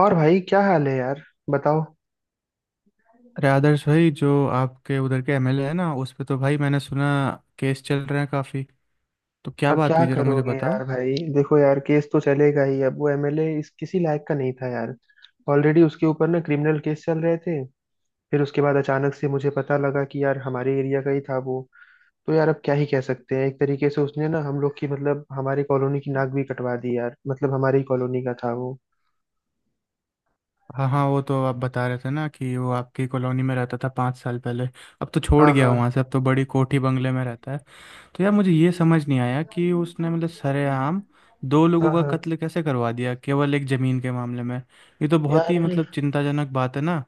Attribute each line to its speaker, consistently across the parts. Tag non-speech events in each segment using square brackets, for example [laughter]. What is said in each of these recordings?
Speaker 1: और भाई क्या हाल है यार। बताओ।
Speaker 2: अरे आदर्श भाई, जो आपके उधर के एमएलए है ना, उस पे तो भाई मैंने सुना केस चल रहे हैं काफ़ी। तो क्या
Speaker 1: अब
Speaker 2: बात
Speaker 1: क्या
Speaker 2: हुई, जरा मुझे
Speaker 1: करोगे
Speaker 2: बताओ।
Speaker 1: यार। भाई देखो यार, केस तो चलेगा ही। अब वो एमएलए इस किसी लायक का नहीं था यार। ऑलरेडी उसके ऊपर ना क्रिमिनल केस चल रहे थे। फिर उसके बाद अचानक से मुझे पता लगा कि यार हमारे एरिया का ही था वो। तो यार अब क्या ही कह सकते हैं। एक तरीके से उसने ना हम लोग की मतलब हमारी कॉलोनी की नाक भी कटवा दी यार। मतलब हमारी कॉलोनी का था वो।
Speaker 2: हाँ हाँ, वो तो आप बता रहे थे ना कि वो आपकी कॉलोनी में रहता था 5 साल पहले। अब तो छोड़
Speaker 1: हाँ
Speaker 2: गया वहाँ
Speaker 1: हाँ।
Speaker 2: से, अब तो बड़ी कोठी बंगले में रहता है। तो यार मुझे ये समझ नहीं आया कि उसने मतलब सरेआम दो लोगों
Speaker 1: हाँ
Speaker 2: का
Speaker 1: हाँ।
Speaker 2: कत्ल कैसे करवा दिया केवल एक ज़मीन के मामले में। ये तो बहुत
Speaker 1: यार
Speaker 2: ही मतलब चिंताजनक बात है ना।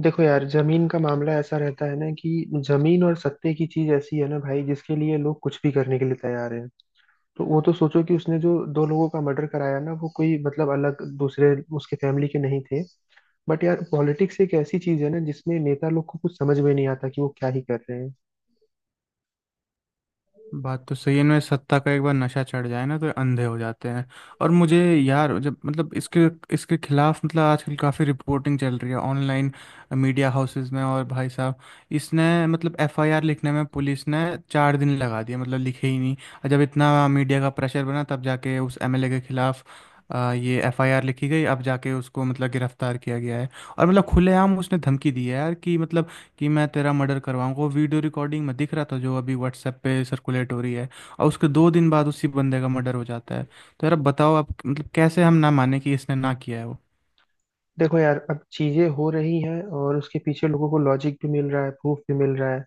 Speaker 1: देखो यार, जमीन का मामला ऐसा रहता है ना कि जमीन और सत्ते की चीज ऐसी है ना भाई जिसके लिए लोग कुछ भी करने के लिए तैयार हैं। तो वो तो सोचो कि उसने जो दो लोगों का मर्डर कराया ना, वो कोई मतलब अलग दूसरे उसके फैमिली के नहीं थे। बट यार पॉलिटिक्स एक ऐसी चीज है ना जिसमें नेता लोग को कुछ समझ में नहीं आता कि वो क्या ही कर रहे हैं।
Speaker 2: बात तो सही है। इनमें सत्ता का एक बार नशा चढ़ जाए ना तो ये अंधे हो जाते हैं। और मुझे यार जब मतलब इसके इसके खिलाफ मतलब आजकल काफ़ी रिपोर्टिंग चल रही है ऑनलाइन मीडिया हाउसेस में, और भाई साहब, इसने मतलब एफआईआर लिखने में पुलिस ने 4 दिन लगा दिया, मतलब लिखे ही नहीं। और जब इतना मीडिया का प्रेशर बना तब जाके उस एमएलए के खिलाफ ये एफआईआर लिखी गई। अब जाके उसको मतलब गिरफ्तार किया गया है। और मतलब खुलेआम उसने धमकी दी है यार कि मतलब कि मैं तेरा मर्डर करवाऊँ। वो वीडियो रिकॉर्डिंग में दिख रहा था जो अभी व्हाट्सएप पे सर्कुलेट हो रही है। और उसके 2 दिन बाद उसी बंदे का मर्डर हो जाता है। तो यार अब बताओ आप, मतलब कैसे हम ना माने कि इसने ना किया है वो।
Speaker 1: देखो यार अब चीजें हो रही हैं और उसके पीछे लोगों को लॉजिक भी मिल रहा है, प्रूफ भी मिल रहा है।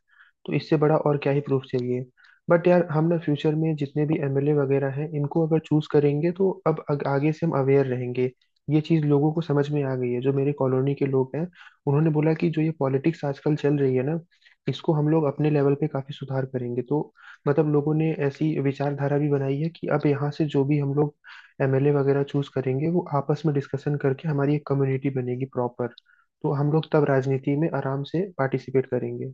Speaker 1: तो इससे बड़ा और क्या ही प्रूफ चाहिए। बट यार हम ना फ्यूचर में जितने भी एमएलए वगैरह हैं इनको अगर चूज करेंगे तो अब आगे से हम अवेयर रहेंगे। ये चीज लोगों को समझ में आ गई है जो मेरे कॉलोनी के लोग हैं। उन्होंने बोला कि जो ये पॉलिटिक्स आजकल चल रही है ना, इसको हम लोग अपने लेवल पे काफी सुधार करेंगे। तो मतलब लोगों ने ऐसी विचारधारा भी बनाई है कि अब यहाँ से जो भी हम लोग एमएलए वगैरह चूज करेंगे वो आपस में डिस्कशन करके हमारी एक कम्युनिटी बनेगी प्रॉपर। तो हम लोग तब राजनीति में आराम से पार्टिसिपेट करेंगे।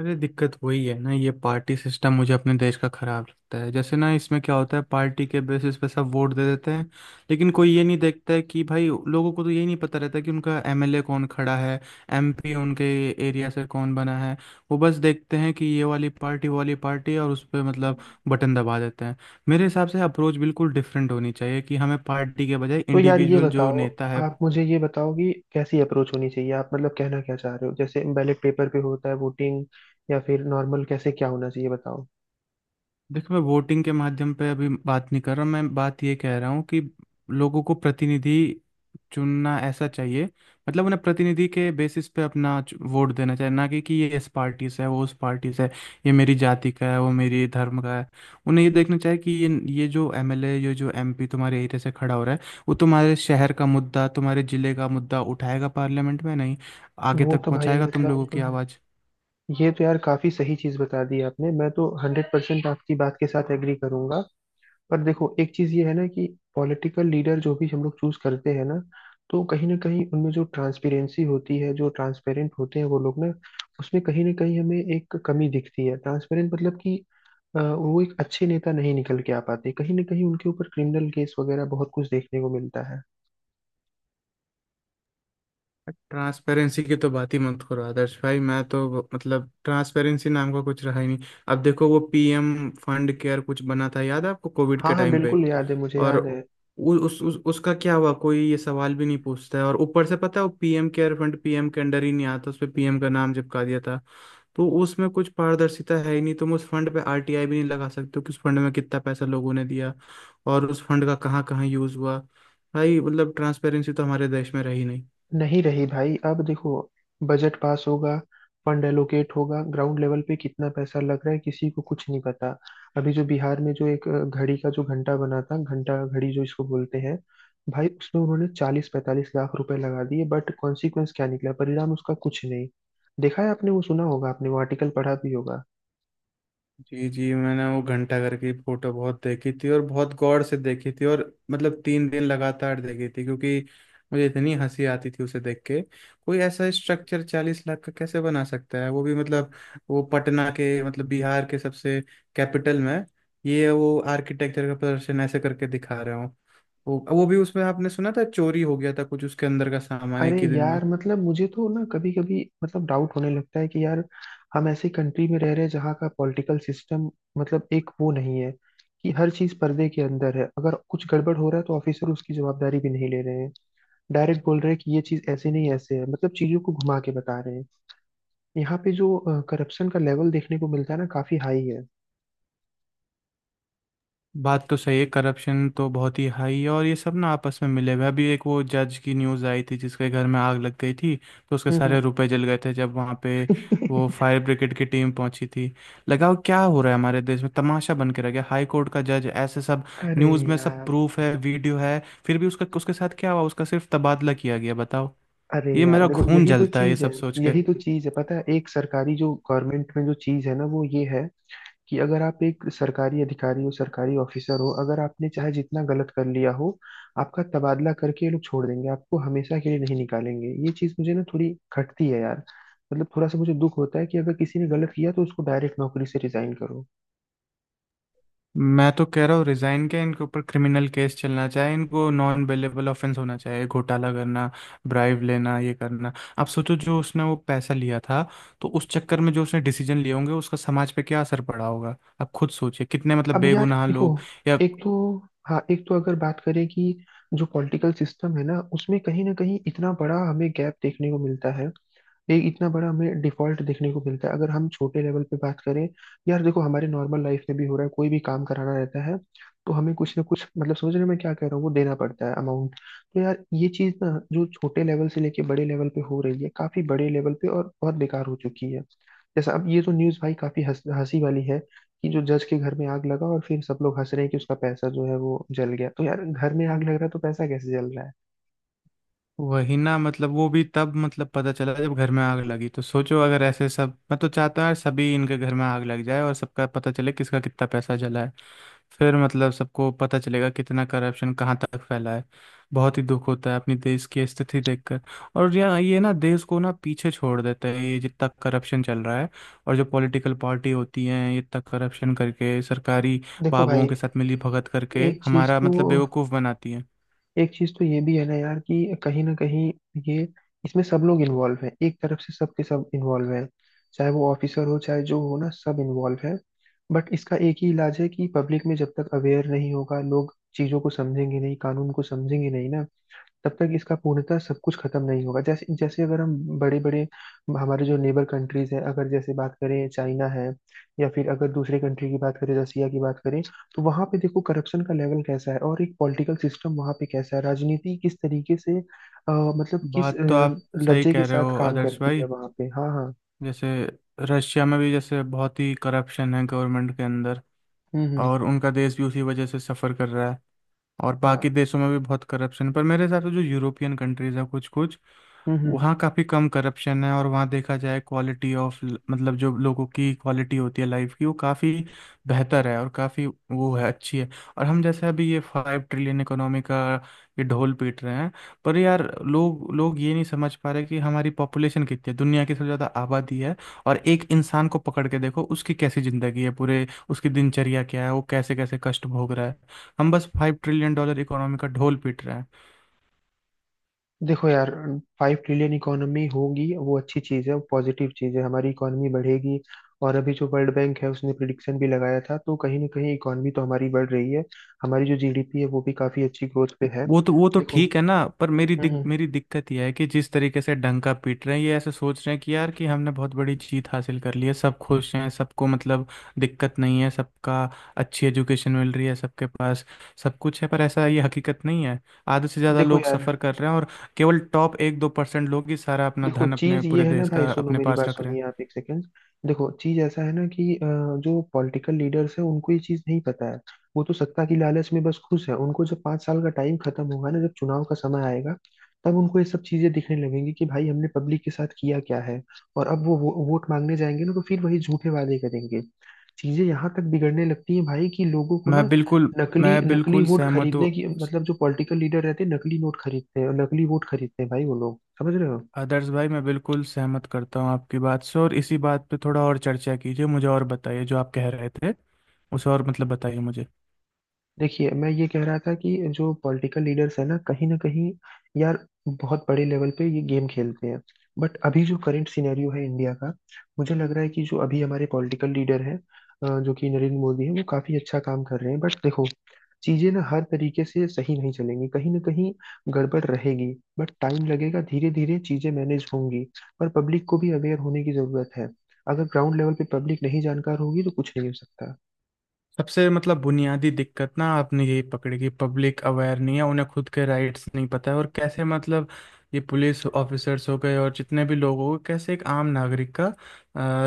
Speaker 2: अरे दिक्कत वही है ना, ये पार्टी सिस्टम मुझे अपने देश का खराब लगता है। जैसे ना इसमें क्या होता है, पार्टी के बेसिस पे सब वोट दे देते हैं। लेकिन कोई ये नहीं देखता है कि भाई, लोगों को तो ये नहीं पता रहता कि उनका एमएलए कौन खड़ा है, एमपी उनके एरिया से कौन बना है। वो बस देखते हैं कि ये वाली पार्टी, वो वाली पार्टी, और उस पर मतलब बटन दबा देते हैं। मेरे हिसाब से अप्रोच बिल्कुल डिफरेंट होनी चाहिए कि हमें पार्टी के बजाय
Speaker 1: तो यार ये
Speaker 2: इंडिविजुअल जो
Speaker 1: बताओ,
Speaker 2: नेता है।
Speaker 1: आप मुझे ये बताओ कि कैसी अप्रोच होनी चाहिए। आप मतलब कहना क्या चाह रहे हो, जैसे बैलेट पेपर पे होता है वोटिंग, या फिर नॉर्मल कैसे क्या होना चाहिए बताओ।
Speaker 2: देखो, मैं वोटिंग के माध्यम पे अभी बात नहीं कर रहा। मैं बात ये कह रहा हूँ कि लोगों को प्रतिनिधि चुनना ऐसा चाहिए। मतलब उन्हें प्रतिनिधि के बेसिस पे अपना वोट देना चाहिए, ना कि ये इस पार्टी से है, वो उस पार्टी से है। ये मेरी जाति का है, वो मेरी धर्म का है। उन्हें ये देखना चाहिए कि ये जो एमएलए, ये जो एमपी तुम्हारे एरिया से खड़ा हो रहा है, वो तुम्हारे शहर का मुद्दा, तुम्हारे जिले का मुद्दा उठाएगा पार्लियामेंट में, नहीं आगे
Speaker 1: वो
Speaker 2: तक
Speaker 1: तो भाई
Speaker 2: पहुंचाएगा तुम लोगों
Speaker 1: मतलब
Speaker 2: की आवाज़।
Speaker 1: ये तो यार काफी सही चीज बता दी आपने। मैं तो 100% आपकी बात के साथ एग्री करूंगा। पर देखो एक चीज ये है ना कि पॉलिटिकल लीडर जो भी हम लोग चूज करते हैं ना, तो कहीं ना कहीं उनमें जो ट्रांसपेरेंसी होती है, जो ट्रांसपेरेंट होते हैं वो लोग ना, उसमें कहीं ना कहीं हमें एक कमी दिखती है। ट्रांसपेरेंट मतलब कि वो एक अच्छे नेता नहीं निकल के आ पाते। कहीं ना कहीं उनके ऊपर क्रिमिनल केस वगैरह बहुत कुछ देखने को मिलता है।
Speaker 2: ट्रांसपेरेंसी की तो बात ही मत करो आदर्श भाई। मैं तो मतलब ट्रांसपेरेंसी नाम का कुछ रहा ही नहीं। अब देखो, वो पीएम फंड केयर कुछ बना था, याद है आपको? कोविड
Speaker 1: हाँ
Speaker 2: के
Speaker 1: हाँ,
Speaker 2: टाइम पे।
Speaker 1: बिल्कुल याद है, मुझे
Speaker 2: और
Speaker 1: याद है।
Speaker 2: उ, उस उसका क्या हुआ, कोई ये सवाल भी नहीं पूछता है। और ऊपर से पता है वो पीएम केयर फंड पीएम के अंडर ही नहीं आता, उस पे पीएम का नाम चिपका दिया था। तो उसमें कुछ पारदर्शिता है ही नहीं। तुम उस फंड पे आरटीआई भी नहीं लगा सकते हो कि उस फंड में कितना पैसा लोगों ने दिया और उस फंड का कहाँ कहाँ यूज हुआ। भाई मतलब ट्रांसपेरेंसी तो हमारे देश में रही नहीं।
Speaker 1: नहीं रही भाई। अब देखो बजट पास होगा, फंड एलोकेट होगा, ग्राउंड लेवल पे कितना पैसा लग रहा है किसी को कुछ नहीं पता। अभी जो बिहार में जो एक घड़ी का जो घंटा बना था, घंटा घड़ी जो इसको बोलते हैं, भाई उसमें उन्होंने 40-45 लाख रुपए लगा दिए। बट कॉन्सिक्वेंस क्या निकला, परिणाम उसका कुछ नहीं। देखा है आपने, वो सुना होगा आपने, वो आर्टिकल पढ़ा भी होगा।
Speaker 2: जी जी, मैंने वो घंटा घर की फोटो बहुत देखी थी और बहुत गौर से देखी थी, और मतलब 3 दिन लगातार देखी थी क्योंकि मुझे इतनी हंसी आती थी उसे देख के। कोई ऐसा स्ट्रक्चर 40 लाख का कैसे बना सकता है, वो भी मतलब वो पटना के, मतलब बिहार के सबसे कैपिटल में। ये वो आर्किटेक्चर का प्रदर्शन ऐसे करके दिखा रहे हो। वो भी उसमें आपने सुना था चोरी हो गया था कुछ उसके अंदर का सामान
Speaker 1: अरे
Speaker 2: एक ही दिन।
Speaker 1: यार मतलब मुझे तो ना कभी कभी मतलब डाउट होने लगता है कि यार हम ऐसी कंट्री में रह रहे हैं जहाँ का पॉलिटिकल सिस्टम मतलब एक वो नहीं है कि हर चीज पर्दे के अंदर है। अगर कुछ गड़बड़ हो रहा है तो ऑफिसर उसकी जवाबदारी भी नहीं ले रहे हैं। डायरेक्ट बोल रहे हैं कि ये चीज ऐसे नहीं ऐसे है, मतलब चीजों को घुमा के बता रहे हैं। यहाँ पे जो करप्शन का लेवल देखने को मिलता है ना, काफी हाई है।
Speaker 2: बात तो सही है। करप्शन तो बहुत ही हाई है, और ये सब ना आपस में मिले हुए हैं। अभी एक वो जज की न्यूज़ आई थी जिसके घर में आग लग गई थी तो उसके
Speaker 1: हम्म।
Speaker 2: सारे रुपए जल गए थे, जब वहाँ पे
Speaker 1: हम्म।
Speaker 2: वो फायर ब्रिगेड की टीम पहुंची थी। लगाओ क्या हो रहा है हमारे देश में, तमाशा बन के रह गया। हाई कोर्ट का जज ऐसे सब।
Speaker 1: [laughs] अरे
Speaker 2: न्यूज़ में सब
Speaker 1: यार।
Speaker 2: प्रूफ है, वीडियो है। फिर भी उसका उसके साथ क्या हुआ, उसका सिर्फ तबादला किया गया। बताओ।
Speaker 1: अरे
Speaker 2: ये
Speaker 1: यार
Speaker 2: मेरा
Speaker 1: देखो
Speaker 2: खून
Speaker 1: यही तो
Speaker 2: जलता है ये
Speaker 1: चीज है।
Speaker 2: सब सोच के।
Speaker 1: यही तो चीज है, पता है, एक सरकारी जो गवर्नमेंट में जो चीज है ना वो ये है कि अगर आप एक सरकारी अधिकारी हो, सरकारी ऑफिसर हो, अगर आपने चाहे जितना गलत कर लिया हो आपका तबादला करके ये लोग छोड़ देंगे, आपको हमेशा के लिए नहीं निकालेंगे। ये चीज मुझे ना थोड़ी खटती है यार। मतलब थोड़ा सा मुझे दुख होता है कि अगर किसी ने गलत किया तो उसको डायरेक्ट नौकरी से रिजाइन करो।
Speaker 2: मैं तो कह रहा हूँ, रिजाइन के इनके ऊपर क्रिमिनल केस चलना चाहिए, इनको नॉन बेलेबल ऑफेंस होना चाहिए। घोटाला करना, ब्राइब लेना, ये करना। आप सोचो जो उसने वो पैसा लिया था, तो उस चक्कर में जो उसने डिसीजन लिए होंगे उसका समाज पे क्या असर पड़ा होगा, आप खुद सोचिए, कितने मतलब
Speaker 1: अब यार
Speaker 2: बेगुनाह
Speaker 1: देखो,
Speaker 2: लोग। या।
Speaker 1: एक तो, हाँ एक तो अगर बात करें कि जो पॉलिटिकल सिस्टम है ना उसमें कहीं ना कहीं इतना बड़ा हमें गैप देखने को मिलता है। एक इतना बड़ा हमें डिफॉल्ट देखने को मिलता है अगर हम छोटे लेवल पे बात करें। यार देखो हमारे नॉर्मल लाइफ में भी हो रहा है। कोई भी काम कराना रहता है तो हमें कुछ ना कुछ मतलब, समझ रहे हो मैं क्या कह रहा हूँ, वो देना पड़ता है अमाउंट। तो यार ये चीज़ ना जो छोटे लेवल से लेके बड़े लेवल पे हो रही है, काफी बड़े लेवल पे, और बहुत बेकार हो चुकी है। जैसा अब ये तो न्यूज़ भाई काफी हंस हंसी वाली है कि जो जज के घर में आग लगा और फिर सब लोग हंस रहे हैं कि उसका पैसा जो है वो जल गया। तो यार घर में आग लग रहा है तो पैसा कैसे जल रहा है।
Speaker 2: वही ना, मतलब वो भी तब मतलब पता चला जब घर में आग लगी। तो सोचो अगर ऐसे सब, मैं तो चाहता हूँ यार सभी इनके घर में आग लग जाए और सबका पता चले किसका कितना पैसा जला है। फिर मतलब सबको पता चलेगा कितना करप्शन कहाँ तक फैला है। बहुत ही दुख होता है अपनी देश की स्थिति देखकर। और यार ये ना देश को ना पीछे छोड़ देता है, ये जितना करप्शन चल रहा है। और जो पॉलिटिकल पार्टी होती हैं ये इतना करप्शन करके सरकारी
Speaker 1: देखो
Speaker 2: बाबुओं
Speaker 1: भाई
Speaker 2: के साथ मिली भगत करके
Speaker 1: एक चीज
Speaker 2: हमारा
Speaker 1: तो,
Speaker 2: मतलब बेवकूफ़ बनाती हैं।
Speaker 1: एक चीज तो ये भी है ना यार कि कहीं ना कहीं ये, इसमें सब लोग इन्वॉल्व हैं, एक तरफ से सब के सब इन्वॉल्व हैं। चाहे वो ऑफिसर हो चाहे जो हो ना, सब इन्वॉल्व है। बट इसका एक ही इलाज है कि पब्लिक में जब तक अवेयर नहीं होगा, लोग चीजों को समझेंगे नहीं, कानून को समझेंगे नहीं ना, तब तक इसका पूर्णतः सब कुछ खत्म नहीं होगा। जैसे जैसे अगर हम बड़े बड़े, हमारे जो नेबर कंट्रीज हैं अगर जैसे बात करें, चाइना है, या फिर अगर दूसरे कंट्री की बात करें, रसिया की बात करें, तो वहां पे देखो करप्शन का लेवल कैसा है और एक पॉलिटिकल सिस्टम वहां पे कैसा है, राजनीति किस तरीके से मतलब किस
Speaker 2: बात तो आप सही
Speaker 1: लज्जे के
Speaker 2: कह रहे
Speaker 1: साथ
Speaker 2: हो
Speaker 1: काम
Speaker 2: आदर्श
Speaker 1: करती है
Speaker 2: भाई।
Speaker 1: वहां पे। हाँ हाँ।
Speaker 2: जैसे रशिया में भी, जैसे, बहुत ही करप्शन है गवर्नमेंट के अंदर।
Speaker 1: हम्म।
Speaker 2: और उनका देश भी उसी वजह से सफ़र कर रहा है। और
Speaker 1: हाँ।
Speaker 2: बाकी देशों में भी बहुत करप्शन। पर मेरे हिसाब से जो यूरोपियन कंट्रीज है, कुछ कुछ
Speaker 1: हम्म।
Speaker 2: वहाँ काफ़ी कम करप्शन है। और वहाँ देखा जाए क्वालिटी ऑफ, मतलब जो लोगों की क्वालिटी होती है लाइफ की, वो काफ़ी बेहतर है, और काफ़ी वो है, अच्छी है। और हम जैसे अभी ये 5 ट्रिलियन इकोनॉमी का ये ढोल पीट रहे हैं। पर यार लोग लोग ये नहीं समझ पा रहे कि हमारी पॉपुलेशन कितनी है, दुनिया की सबसे ज़्यादा आबादी है। और एक इंसान को पकड़ के देखो उसकी कैसी ज़िंदगी है, पूरे उसकी दिनचर्या क्या है, वो कैसे कैसे कष्ट भोग रहा है। हम बस $5 ट्रिलियन इकोनॉमी का ढोल पीट रहे हैं।
Speaker 1: देखो यार 5 ट्रिलियन इकोनॉमी होगी वो अच्छी चीज है, वो पॉजिटिव चीज है, हमारी इकोनॉमी बढ़ेगी। और अभी जो वर्ल्ड बैंक है उसने प्रिडिक्शन भी लगाया था, तो कहीं ना कहीं इकोनॉमी तो हमारी बढ़ रही है। हमारी जो जीडीपी है वो भी काफी अच्छी ग्रोथ पे है।
Speaker 2: वो तो
Speaker 1: देखो।
Speaker 2: ठीक है ना, पर मेरी दिक
Speaker 1: हम्म।
Speaker 2: मेरी दिक्कत यह है कि जिस तरीके से डंका पीट रहे हैं ये, ऐसे सोच रहे हैं कि यार कि हमने बहुत बड़ी जीत हासिल कर ली है, सब खुश हैं, सबको मतलब दिक्कत नहीं है, सबका अच्छी एजुकेशन मिल रही है, सबके पास सब कुछ है। पर ऐसा ये हकीकत नहीं है। आधे से ज़्यादा
Speaker 1: देखो
Speaker 2: लोग
Speaker 1: यार।
Speaker 2: सफ़र कर रहे हैं और केवल टॉप 1-2% लोग ही सारा अपना
Speaker 1: देखो
Speaker 2: धन अपने
Speaker 1: चीज ये
Speaker 2: पूरे
Speaker 1: है ना
Speaker 2: देश
Speaker 1: भाई,
Speaker 2: का
Speaker 1: सुनो
Speaker 2: अपने
Speaker 1: मेरी
Speaker 2: पास
Speaker 1: बात,
Speaker 2: रख रहे
Speaker 1: सुनिए
Speaker 2: हैं।
Speaker 1: आप एक सेकंड। देखो चीज ऐसा है ना कि जो पॉलिटिकल लीडर्स हैं उनको ये चीज नहीं पता है। वो तो सत्ता की लालच में बस खुश है। उनको जब 5 साल का टाइम खत्म होगा ना, जब चुनाव का समय आएगा तब उनको ये सब चीजें दिखने लगेंगी कि भाई हमने पब्लिक के साथ किया क्या है। और अब वो वोट मांगने जाएंगे ना तो फिर वही झूठे वादे करेंगे। चीजें यहाँ तक बिगड़ने लगती हैं भाई कि लोगों को ना
Speaker 2: मैं बिल्कुल
Speaker 1: नकली
Speaker 2: मैं
Speaker 1: नकली
Speaker 2: बिल्कुल
Speaker 1: वोट
Speaker 2: सहमत हूँ।
Speaker 1: खरीदने की, मतलब जो पॉलिटिकल लीडर रहते हैं नकली नोट खरीदते हैं और नकली वोट खरीदते हैं भाई, वो लोग, समझ रहे हो।
Speaker 2: आदर्श भाई, मैं बिल्कुल सहमत करता हूँ आपकी बात से। और इसी बात पे थोड़ा और चर्चा कीजिए, मुझे और बताइए जो आप कह रहे थे उसे, और मतलब बताइए मुझे।
Speaker 1: देखिए मैं ये कह रहा था कि जो पॉलिटिकल लीडर्स है ना कहीं यार बहुत बड़े लेवल पे ये गेम खेलते हैं। बट अभी जो करंट सिनेरियो है इंडिया का, मुझे लग रहा है कि जो अभी हमारे पॉलिटिकल लीडर हैं जो कि नरेंद्र मोदी हैं, वो काफी अच्छा काम कर रहे हैं। बट देखो चीजें ना हर तरीके से सही नहीं चलेंगी, कहीं ना कहीं गड़बड़ रहेगी। बट टाइम लगेगा, धीरे धीरे चीजें मैनेज होंगी। पर पब्लिक को भी अवेयर होने की जरूरत है। अगर ग्राउंड लेवल पे पब्लिक नहीं जानकार होगी तो कुछ नहीं हो सकता।
Speaker 2: सबसे मतलब बुनियादी दिक्कत ना आपने यही पकड़ी, कि पब्लिक अवेयर नहीं है, उन्हें खुद के राइट्स नहीं पता है। और कैसे मतलब ये पुलिस ऑफिसर्स हो गए और जितने भी लोग हो गए, कैसे एक आम नागरिक का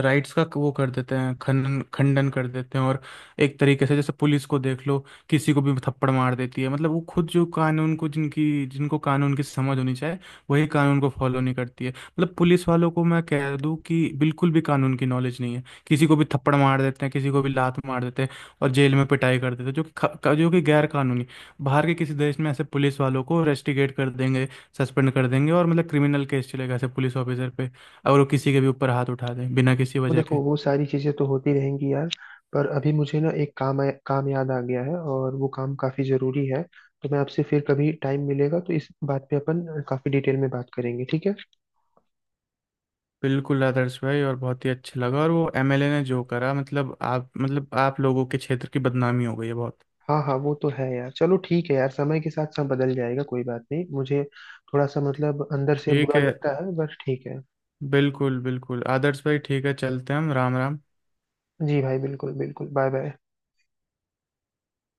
Speaker 2: राइट्स का वो कर देते हैं खंडन, खंडन कर देते हैं। और एक तरीके से जैसे पुलिस को देख लो, किसी को भी थप्पड़ मार देती है, मतलब वो खुद जो कानून को, जिनकी जिनको कानून की समझ होनी चाहिए, वही कानून को फॉलो नहीं करती है। मतलब पुलिस वालों को मैं कह दूं कि बिल्कुल भी कानून की नॉलेज नहीं है। किसी को भी थप्पड़ मार देते हैं, किसी को भी लात मार देते हैं, और जेल में पिटाई कर देते जो कि जो कि गैर कानूनी। बाहर के किसी देश में ऐसे पुलिस वालों को रेस्टिकेट कर देंगे, सस्पेंड कर देंगे, और मतलब क्रिमिनल केस चलेगा ऐसे पुलिस ऑफिसर पे अगर वो किसी के भी ऊपर हाथ उठा दें बिना किसी
Speaker 1: वो
Speaker 2: वजह के।
Speaker 1: देखो वो सारी चीजें तो होती रहेंगी यार, पर अभी मुझे ना एक काम याद आ गया है और वो काम काफी जरूरी है। तो मैं आपसे फिर कभी टाइम मिलेगा तो इस बात पे अपन काफी डिटेल में बात करेंगे, ठीक है।
Speaker 2: बिल्कुल आदर्श भाई, और बहुत ही अच्छा लगा। और वो एमएलए ने जो करा, मतलब आप लोगों के क्षेत्र की बदनामी हो गई है बहुत।
Speaker 1: हाँ हाँ, वो तो है यार। चलो ठीक है यार, समय के साथ सब बदल जाएगा, कोई बात नहीं। मुझे थोड़ा सा मतलब अंदर से
Speaker 2: ठीक
Speaker 1: बुरा
Speaker 2: है।
Speaker 1: लगता है बस, ठीक है।
Speaker 2: बिल्कुल बिल्कुल आदर्श भाई, ठीक है, चलते हैं हम। राम राम।
Speaker 1: जी भाई बिल्कुल बिल्कुल बाय बाय।